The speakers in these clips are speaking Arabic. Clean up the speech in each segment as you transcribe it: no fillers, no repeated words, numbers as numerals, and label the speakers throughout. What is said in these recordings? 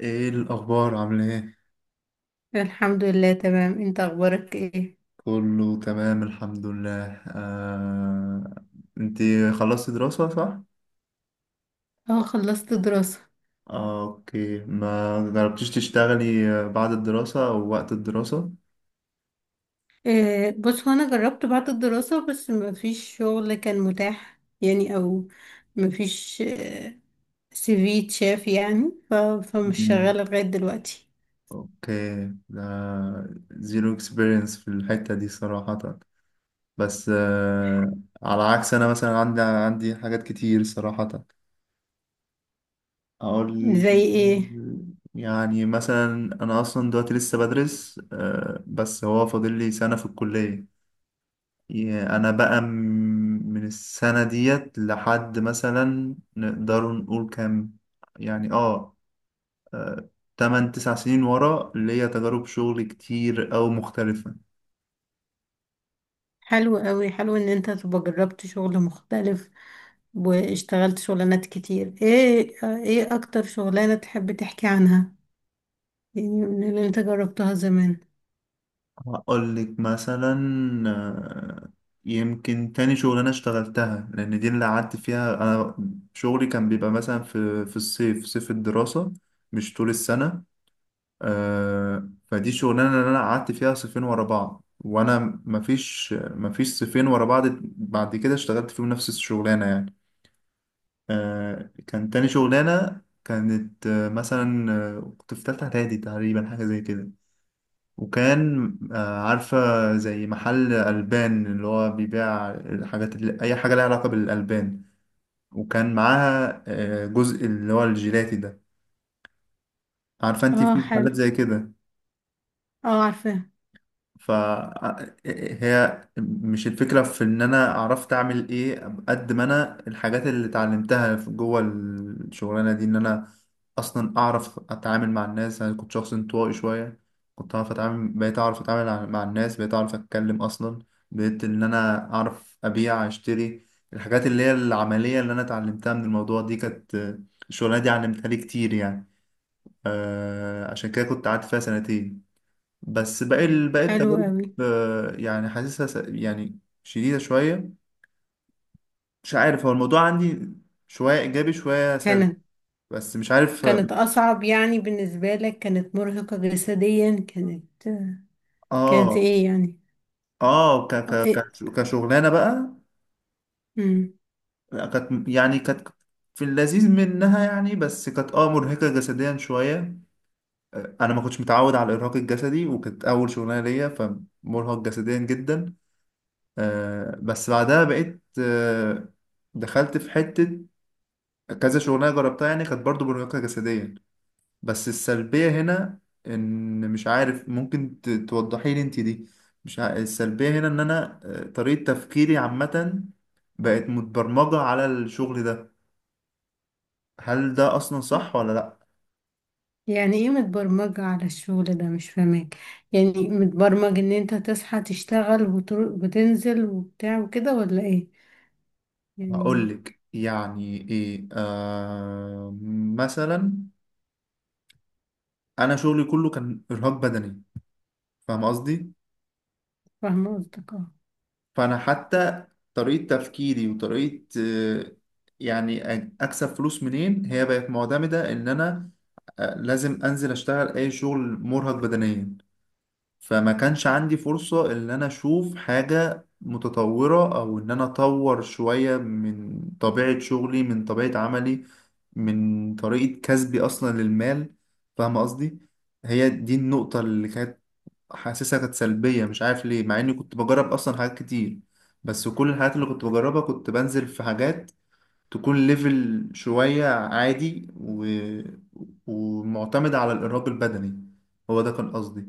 Speaker 1: ايه الاخبار عامل ايه؟
Speaker 2: الحمد لله، تمام. انت اخبارك ايه؟
Speaker 1: كله تمام الحمد لله. انت، خلصتي دراسة صح؟
Speaker 2: اه، خلصت دراسة.
Speaker 1: اوكي، ما جربتيش تشتغلي بعد الدراسة او وقت الدراسة؟
Speaker 2: إيه بص، هو انا جربت بعد الدراسة بس ما فيش شغل كان متاح، يعني او ما فيش سي في تشاف يعني فمش
Speaker 1: مم.
Speaker 2: شغالة لغاية دلوقتي.
Speaker 1: اوكي، ده زيرو اكسبيرينس في الحتة دي صراحة. بس على عكس، انا مثلا عندي حاجات كتير صراحة، اقول
Speaker 2: زي ايه؟
Speaker 1: يعني مثلا. انا اصلا دلوقتي لسه بدرس، بس هو فاضل لي سنة في الكلية. يا- انا بقى م- من السنة ديت لحد مثلا نقدر نقول كام، يعني آه، تمن تسع سنين ورا ليا تجارب شغل كتير او مختلفة.
Speaker 2: حلو قوي. حلو ان انت تبقى جربت شغل مختلف واشتغلت شغلانات كتير. ايه ايه اكتر شغلانة تحب تحكي عنها يعني من اللي انت جربتها زمان؟
Speaker 1: هقول لك مثلا، آه، يمكن تاني شغلانة اشتغلتها، لأن دي اللي قعدت فيها أنا. شغلي كان بيبقى مثلا في الصيف، في صيف الدراسة، مش طول السنة. فدي شغلانة اللي أنا قعدت فيها صيفين ورا بعض، وأنا مفيش صيفين ورا بعض، بعد كده اشتغلت فيهم نفس الشغلانة يعني. كان تاني شغلانة، كانت مثلا، كنت في تالتة إعدادي تقريبا، حاجة زي كده. وكان عارفة، زي محل ألبان اللي هو بيبيع الحاجات، اللي أي حاجة لها علاقة بالألبان، وكان معاها جزء اللي هو الجيلاتي ده، عارفة أنت
Speaker 2: اه،
Speaker 1: في محلات
Speaker 2: حلو.
Speaker 1: زي كده.
Speaker 2: اه، عارفة.
Speaker 1: فهي مش الفكرة في إن أنا عرفت أعمل إيه، قد ما أنا الحاجات اللي اتعلمتها جوه الشغلانة دي، إن أنا أصلا أعرف أتعامل مع الناس. أنا كنت شخص انطوائي شوية، كنت أعرف أتعامل بقيت أعرف أتعامل مع الناس، بقيت أعرف أتكلم أصلا، بقيت إن أنا أعرف أبيع أشتري. الحاجات اللي هي العملية اللي أنا اتعلمتها من الموضوع دي كانت، الشغلانة دي علمتها لي كتير يعني. عشان كده كنت قعدت فيها سنتين. بس باقي باقي
Speaker 2: حلو
Speaker 1: التجارب
Speaker 2: قوي.
Speaker 1: يعني حاسسها يعني شديدة شوية. مش عارف، هو الموضوع عندي شوية إيجابي شوية سلبي،
Speaker 2: كانت
Speaker 1: بس مش عارف.
Speaker 2: كانت أصعب يعني بالنسبة لك؟ كانت مرهقة جسديا؟ كانت كانت
Speaker 1: آه
Speaker 2: إيه يعني؟ أه، إيه.
Speaker 1: كشغلانة بقى،
Speaker 2: مم.
Speaker 1: لا، كانت، يعني كانت في اللذيذ منها يعني، بس كانت مرهقة جسديا شوية. أنا ما كنتش متعود على الإرهاق الجسدي، وكانت أول شغلانة ليا، فمرهق جسديا جدا. بس بعدها بقيت، دخلت في حتة كذا شغلانه جربتها، يعني كانت برضو مرهقه جسديا. بس السلبيه هنا، ان مش عارف، ممكن توضحي لي انت دي؟ مش ع... السلبيه هنا ان انا طريقه تفكيري عامه بقت متبرمجه على الشغل ده. هل ده اصلا صح ولا لا؟
Speaker 2: يعني إيه متبرمجة على الشغل ده؟ مش فاهمك. يعني متبرمج إن أنت تصحى تشتغل وتنزل وبتاع وكده، ولا إيه
Speaker 1: هقول
Speaker 2: يعني؟
Speaker 1: لك يعني ايه، مثلا انا شغلي كله كان ارهاق بدني، فاهم قصدي؟
Speaker 2: فاهمة قصدك، أه.
Speaker 1: فانا حتى طريقه تفكيري وطريقه يعني اكسب فلوس منين، هي بقت معتمده ان انا لازم انزل اشتغل اي شغل مرهق بدنيا. فما كانش عندي فرصه ان انا اشوف حاجه متطوره، او ان انا اطور شويه من طبيعه شغلي، من طبيعه عملي، من طريقه كسبي اصلا للمال. فاهم قصدي؟ هي دي النقطه اللي كانت حاسسها كانت سلبية، مش عارف ليه، مع اني كنت بجرب اصلا حاجات كتير. بس كل الحاجات اللي كنت بجربها كنت بنزل في حاجات تكون ليفل شوية عادي، ومعتمدة على الإرهاق البدني. هو ده كان قصدي.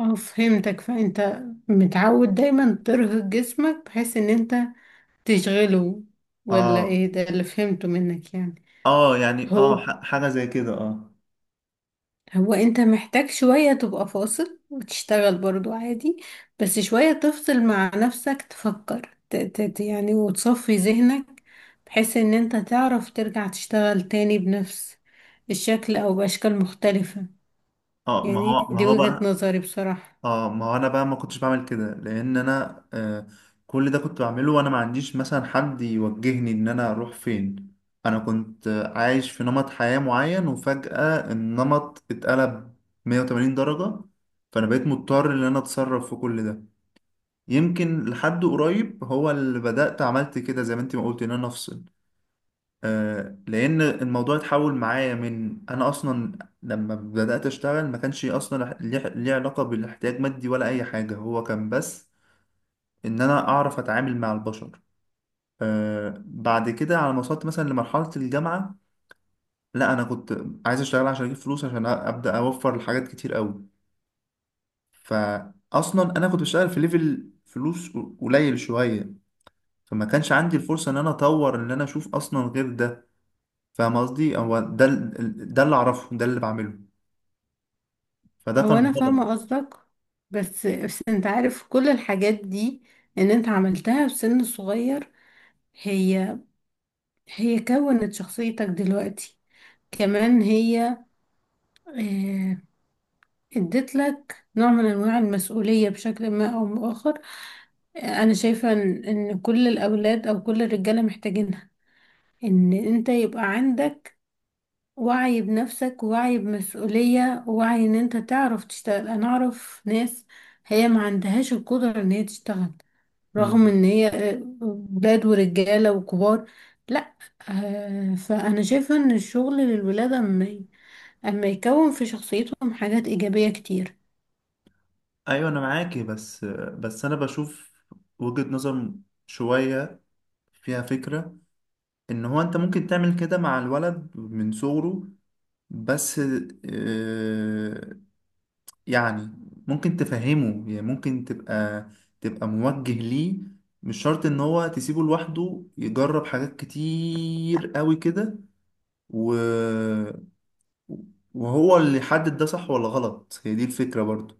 Speaker 2: أه فهمتك. فأنت متعود دايما ترهق جسمك بحيث إن أنت تشغله، ولا
Speaker 1: اه،
Speaker 2: إيه ده اللي فهمته منك يعني؟
Speaker 1: اه، يعني
Speaker 2: هو
Speaker 1: حاجة زي كده، اه.
Speaker 2: هو انت محتاج شوية تبقى فاصل وتشتغل برضو عادي، بس شوية تفصل مع نفسك تفكر يعني وتصفي ذهنك، بحيث ان انت تعرف ترجع تشتغل تاني بنفس الشكل او بأشكال مختلفة.
Speaker 1: اه، ما
Speaker 2: يعني
Speaker 1: هو ما
Speaker 2: دي
Speaker 1: هو
Speaker 2: وجهة
Speaker 1: بقى،
Speaker 2: نظري بصراحة.
Speaker 1: اه، ما هو انا بقى ما كنتش بعمل كده، لان انا كل ده كنت بعمله، وانا ما عنديش مثلا حد يوجهني ان انا اروح فين. انا كنت عايش في نمط حياة معين، وفجأة النمط اتقلب 180 درجة، فانا بقيت مضطر ان انا اتصرف في كل ده. يمكن لحد قريب هو اللي بدأت عملت كده، زي ما انت ما قلت، ان انا افصل. لان الموضوع اتحول معايا، من انا اصلا لما بدات اشتغل ما كانش اصلا ليه علاقه بالاحتياج مادي، ولا اي حاجه، هو كان بس ان انا اعرف اتعامل مع البشر. بعد كده على ما وصلت مثلا لمرحله الجامعه، لا، انا كنت عايز اشتغل عشان اجيب فلوس، عشان ابدا اوفر لحاجات كتير قوي. فاصلا انا كنت بشتغل في ليفل فلوس قليل شويه، فما كانش عندي الفرصه ان انا اطور، ان انا اشوف اصلا غير ده. فاهم قصدي؟ هو ده ده اللي اعرفه، ده اللي بعمله، فده
Speaker 2: هو
Speaker 1: كان
Speaker 2: انا
Speaker 1: غلط.
Speaker 2: فاهمة قصدك، بس انت عارف كل الحاجات دي ان انت عملتها في سن صغير، هي كونت شخصيتك دلوقتي. كمان هي آه، اديت لك نوع من انواع المسؤولية بشكل ما او بآخر. انا شايفة ان إن كل الاولاد او كل الرجالة محتاجينها، ان انت يبقى عندك وعي بنفسك ووعي بمسؤولية ووعي ان انت تعرف تشتغل. انا اعرف ناس هي ما عندهاش القدرة ان هي تشتغل، رغم
Speaker 1: مم.
Speaker 2: ان هي ولاد ورجالة وكبار. لا، آه، فانا شايفة ان الشغل للولاد اما يكون في شخصيتهم حاجات ايجابية كتير.
Speaker 1: ايوه انا معاكي، بس، بس انا بشوف وجهة نظر شوية فيها فكرة، ان هو انت ممكن تعمل كده مع الولد من صغره، بس آه، يعني ممكن تفهمه، يعني ممكن تبقى موجه ليه، مش شرط ان هو تسيبه لوحده يجرب حاجات كتير قوي كده و... وهو اللي يحدد ده صح ولا غلط. هي دي الفكرة برضو،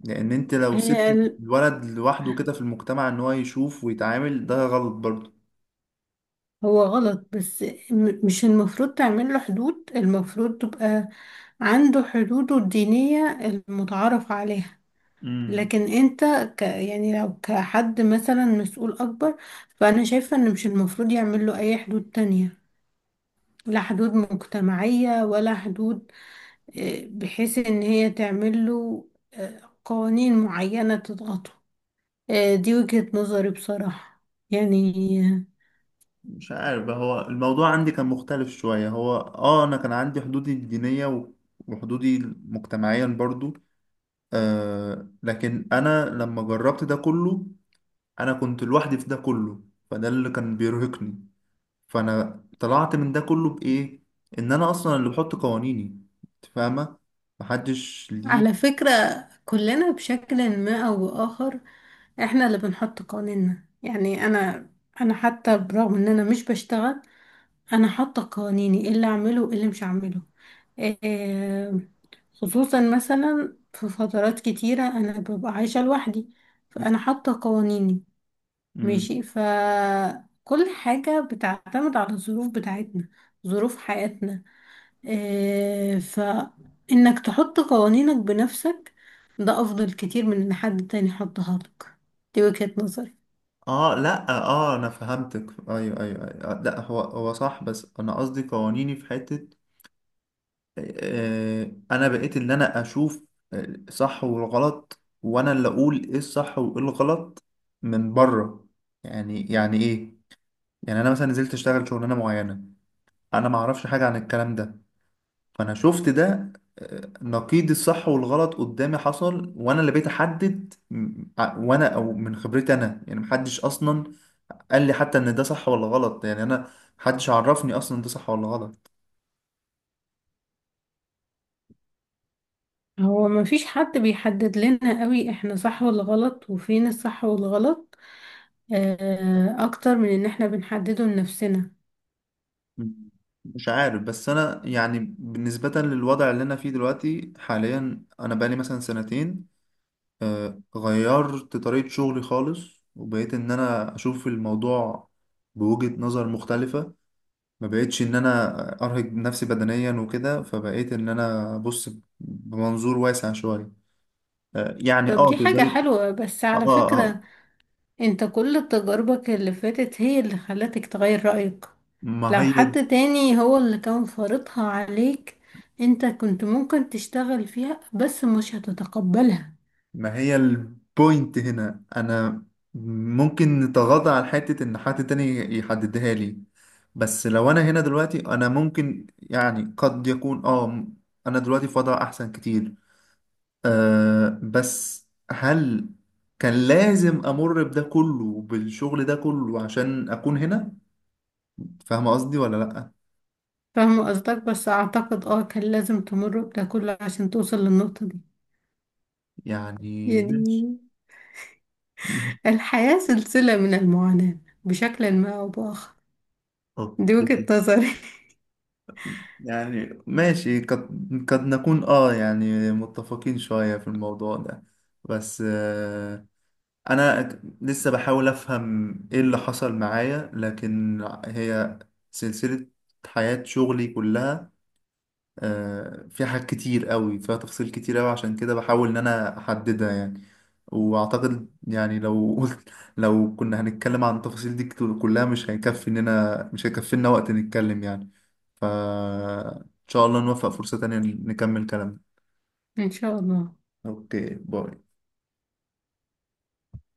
Speaker 1: لان انت لو سبت
Speaker 2: هي
Speaker 1: الولد لوحده كده في المجتمع ان هو يشوف ويتعامل، ده غلط برضه.
Speaker 2: هو غلط، بس مش المفروض تعمل له حدود، المفروض تبقى عنده حدوده الدينية المتعارف عليها.
Speaker 1: امم.
Speaker 2: لكن انت يعني لو كحد مثلا مسؤول اكبر، فانا شايفة ان مش المفروض يعمل له اي حدود تانية، لا حدود مجتمعية ولا حدود آه، بحيث ان هي تعمل له قوانين معينة تضغطه. آه، دي وجهة نظري بصراحة، يعني.
Speaker 1: مش عارف بقى، هو الموضوع عندي كان مختلف شوية، هو انا كان عندي حدودي الدينية وحدودي مجتمعيا برضو. لكن انا لما جربت ده كله، انا كنت لوحدي في ده كله، فده اللي كان بيرهقني. فانا طلعت من ده كله بايه؟ ان انا اصلا اللي بحط قوانيني. انت فاهمة، محدش
Speaker 2: على
Speaker 1: ليه.
Speaker 2: فكرة، كلنا بشكل ما أو بآخر احنا اللي بنحط قوانيننا. يعني أنا حتى برغم إن أنا مش بشتغل، أنا حاطة قوانيني إيه اللي أعمله وإيه اللي مش أعمله. آه، خصوصا مثلا في فترات كتيرة أنا ببقى عايشة لوحدي، فأنا حاطة قوانيني.
Speaker 1: مم.
Speaker 2: ماشي، فكل حاجة بتعتمد على الظروف بتاعتنا، ظروف حياتنا. آه، فإنك تحط قوانينك بنفسك ده أفضل كتير من إن حد تاني يحطها لك. دي وجهة نظري.
Speaker 1: اه، لا، اه، انا فهمتك، ايوه، ايوه، ايوه، لا، هو هو صح، بس انا قصدي قوانيني في حتة. انا بقيت اللي انا اشوف صح والغلط، وانا اللي اقول ايه الصح وايه الغلط من بره. يعني، يعني ايه؟ يعني انا مثلا نزلت اشتغل شغلانة معينة، انا ما اعرفش حاجة عن الكلام ده، فانا شفت ده نقيض الصح والغلط قدامي حصل، وانا اللي بقيت احدد وانا او من خبرتي انا، يعني محدش اصلا قال لي حتى ان ده صح ولا غلط، يعني انا محدش عرفني اصلا ده صح ولا غلط.
Speaker 2: هو مفيش حد بيحدد لنا قوي احنا صح ولا غلط وفين الصح والغلط، آه، أكتر من إن احنا بنحدده لنفسنا.
Speaker 1: مم. مش عارف، بس انا يعني بالنسبة للوضع اللي انا فيه دلوقتي حاليا، انا بقالي مثلا سنتين غيرت طريقة شغلي خالص، وبقيت ان انا اشوف الموضوع بوجهة نظر مختلفة. ما بقيتش ان انا ارهق نفسي بدنيا وكده، فبقيت ان انا ابص بمنظور واسع شوية، يعني
Speaker 2: طب دي حاجة
Speaker 1: تقدر.
Speaker 2: حلوة، بس على
Speaker 1: اه، اه،
Speaker 2: فكرة انت كل تجاربك اللي فاتت هي اللي خلتك تغير رأيك.
Speaker 1: ما
Speaker 2: لو
Speaker 1: هي
Speaker 2: حد تاني هو اللي كان فرضها عليك، انت كنت ممكن تشتغل فيها بس مش هتتقبلها.
Speaker 1: ما هي البوينت هنا، انا ممكن نتغاضى عن حتة ان حد تاني يحددها لي، بس لو انا هنا دلوقتي، انا ممكن يعني قد يكون انا دلوقتي في وضع احسن كتير. بس هل كان لازم امر بده كله، بالشغل ده كله، عشان اكون هنا؟ فاهم قصدي ولا لا؟
Speaker 2: فاهمة قصدك، بس اعتقد اه كان لازم تمر بده كله عشان توصل للنقطة دي،
Speaker 1: يعني ماشي.
Speaker 2: يعني. الحياة سلسلة من المعاناة، بشكل ما او بآخر. دي وجهة
Speaker 1: اوكي.
Speaker 2: نظري.
Speaker 1: يعني ماشي، قد نكون يعني متفقين شوية في الموضوع ده، بس انا لسه بحاول افهم ايه اللي حصل معايا، لكن هي سلسلة، حياة شغلي كلها فيها حاجات كتير قوي، فيها تفاصيل كتير قوي، عشان كده بحاول ان انا احددها يعني. واعتقد يعني، لو قلت، لو كنا هنتكلم عن التفاصيل دي كلها، مش هيكفينا وقت نتكلم يعني. ف ان شاء الله نوفق فرصة تانية، نكمل كلامنا.
Speaker 2: ان شاء الله.
Speaker 1: اوكي، باي.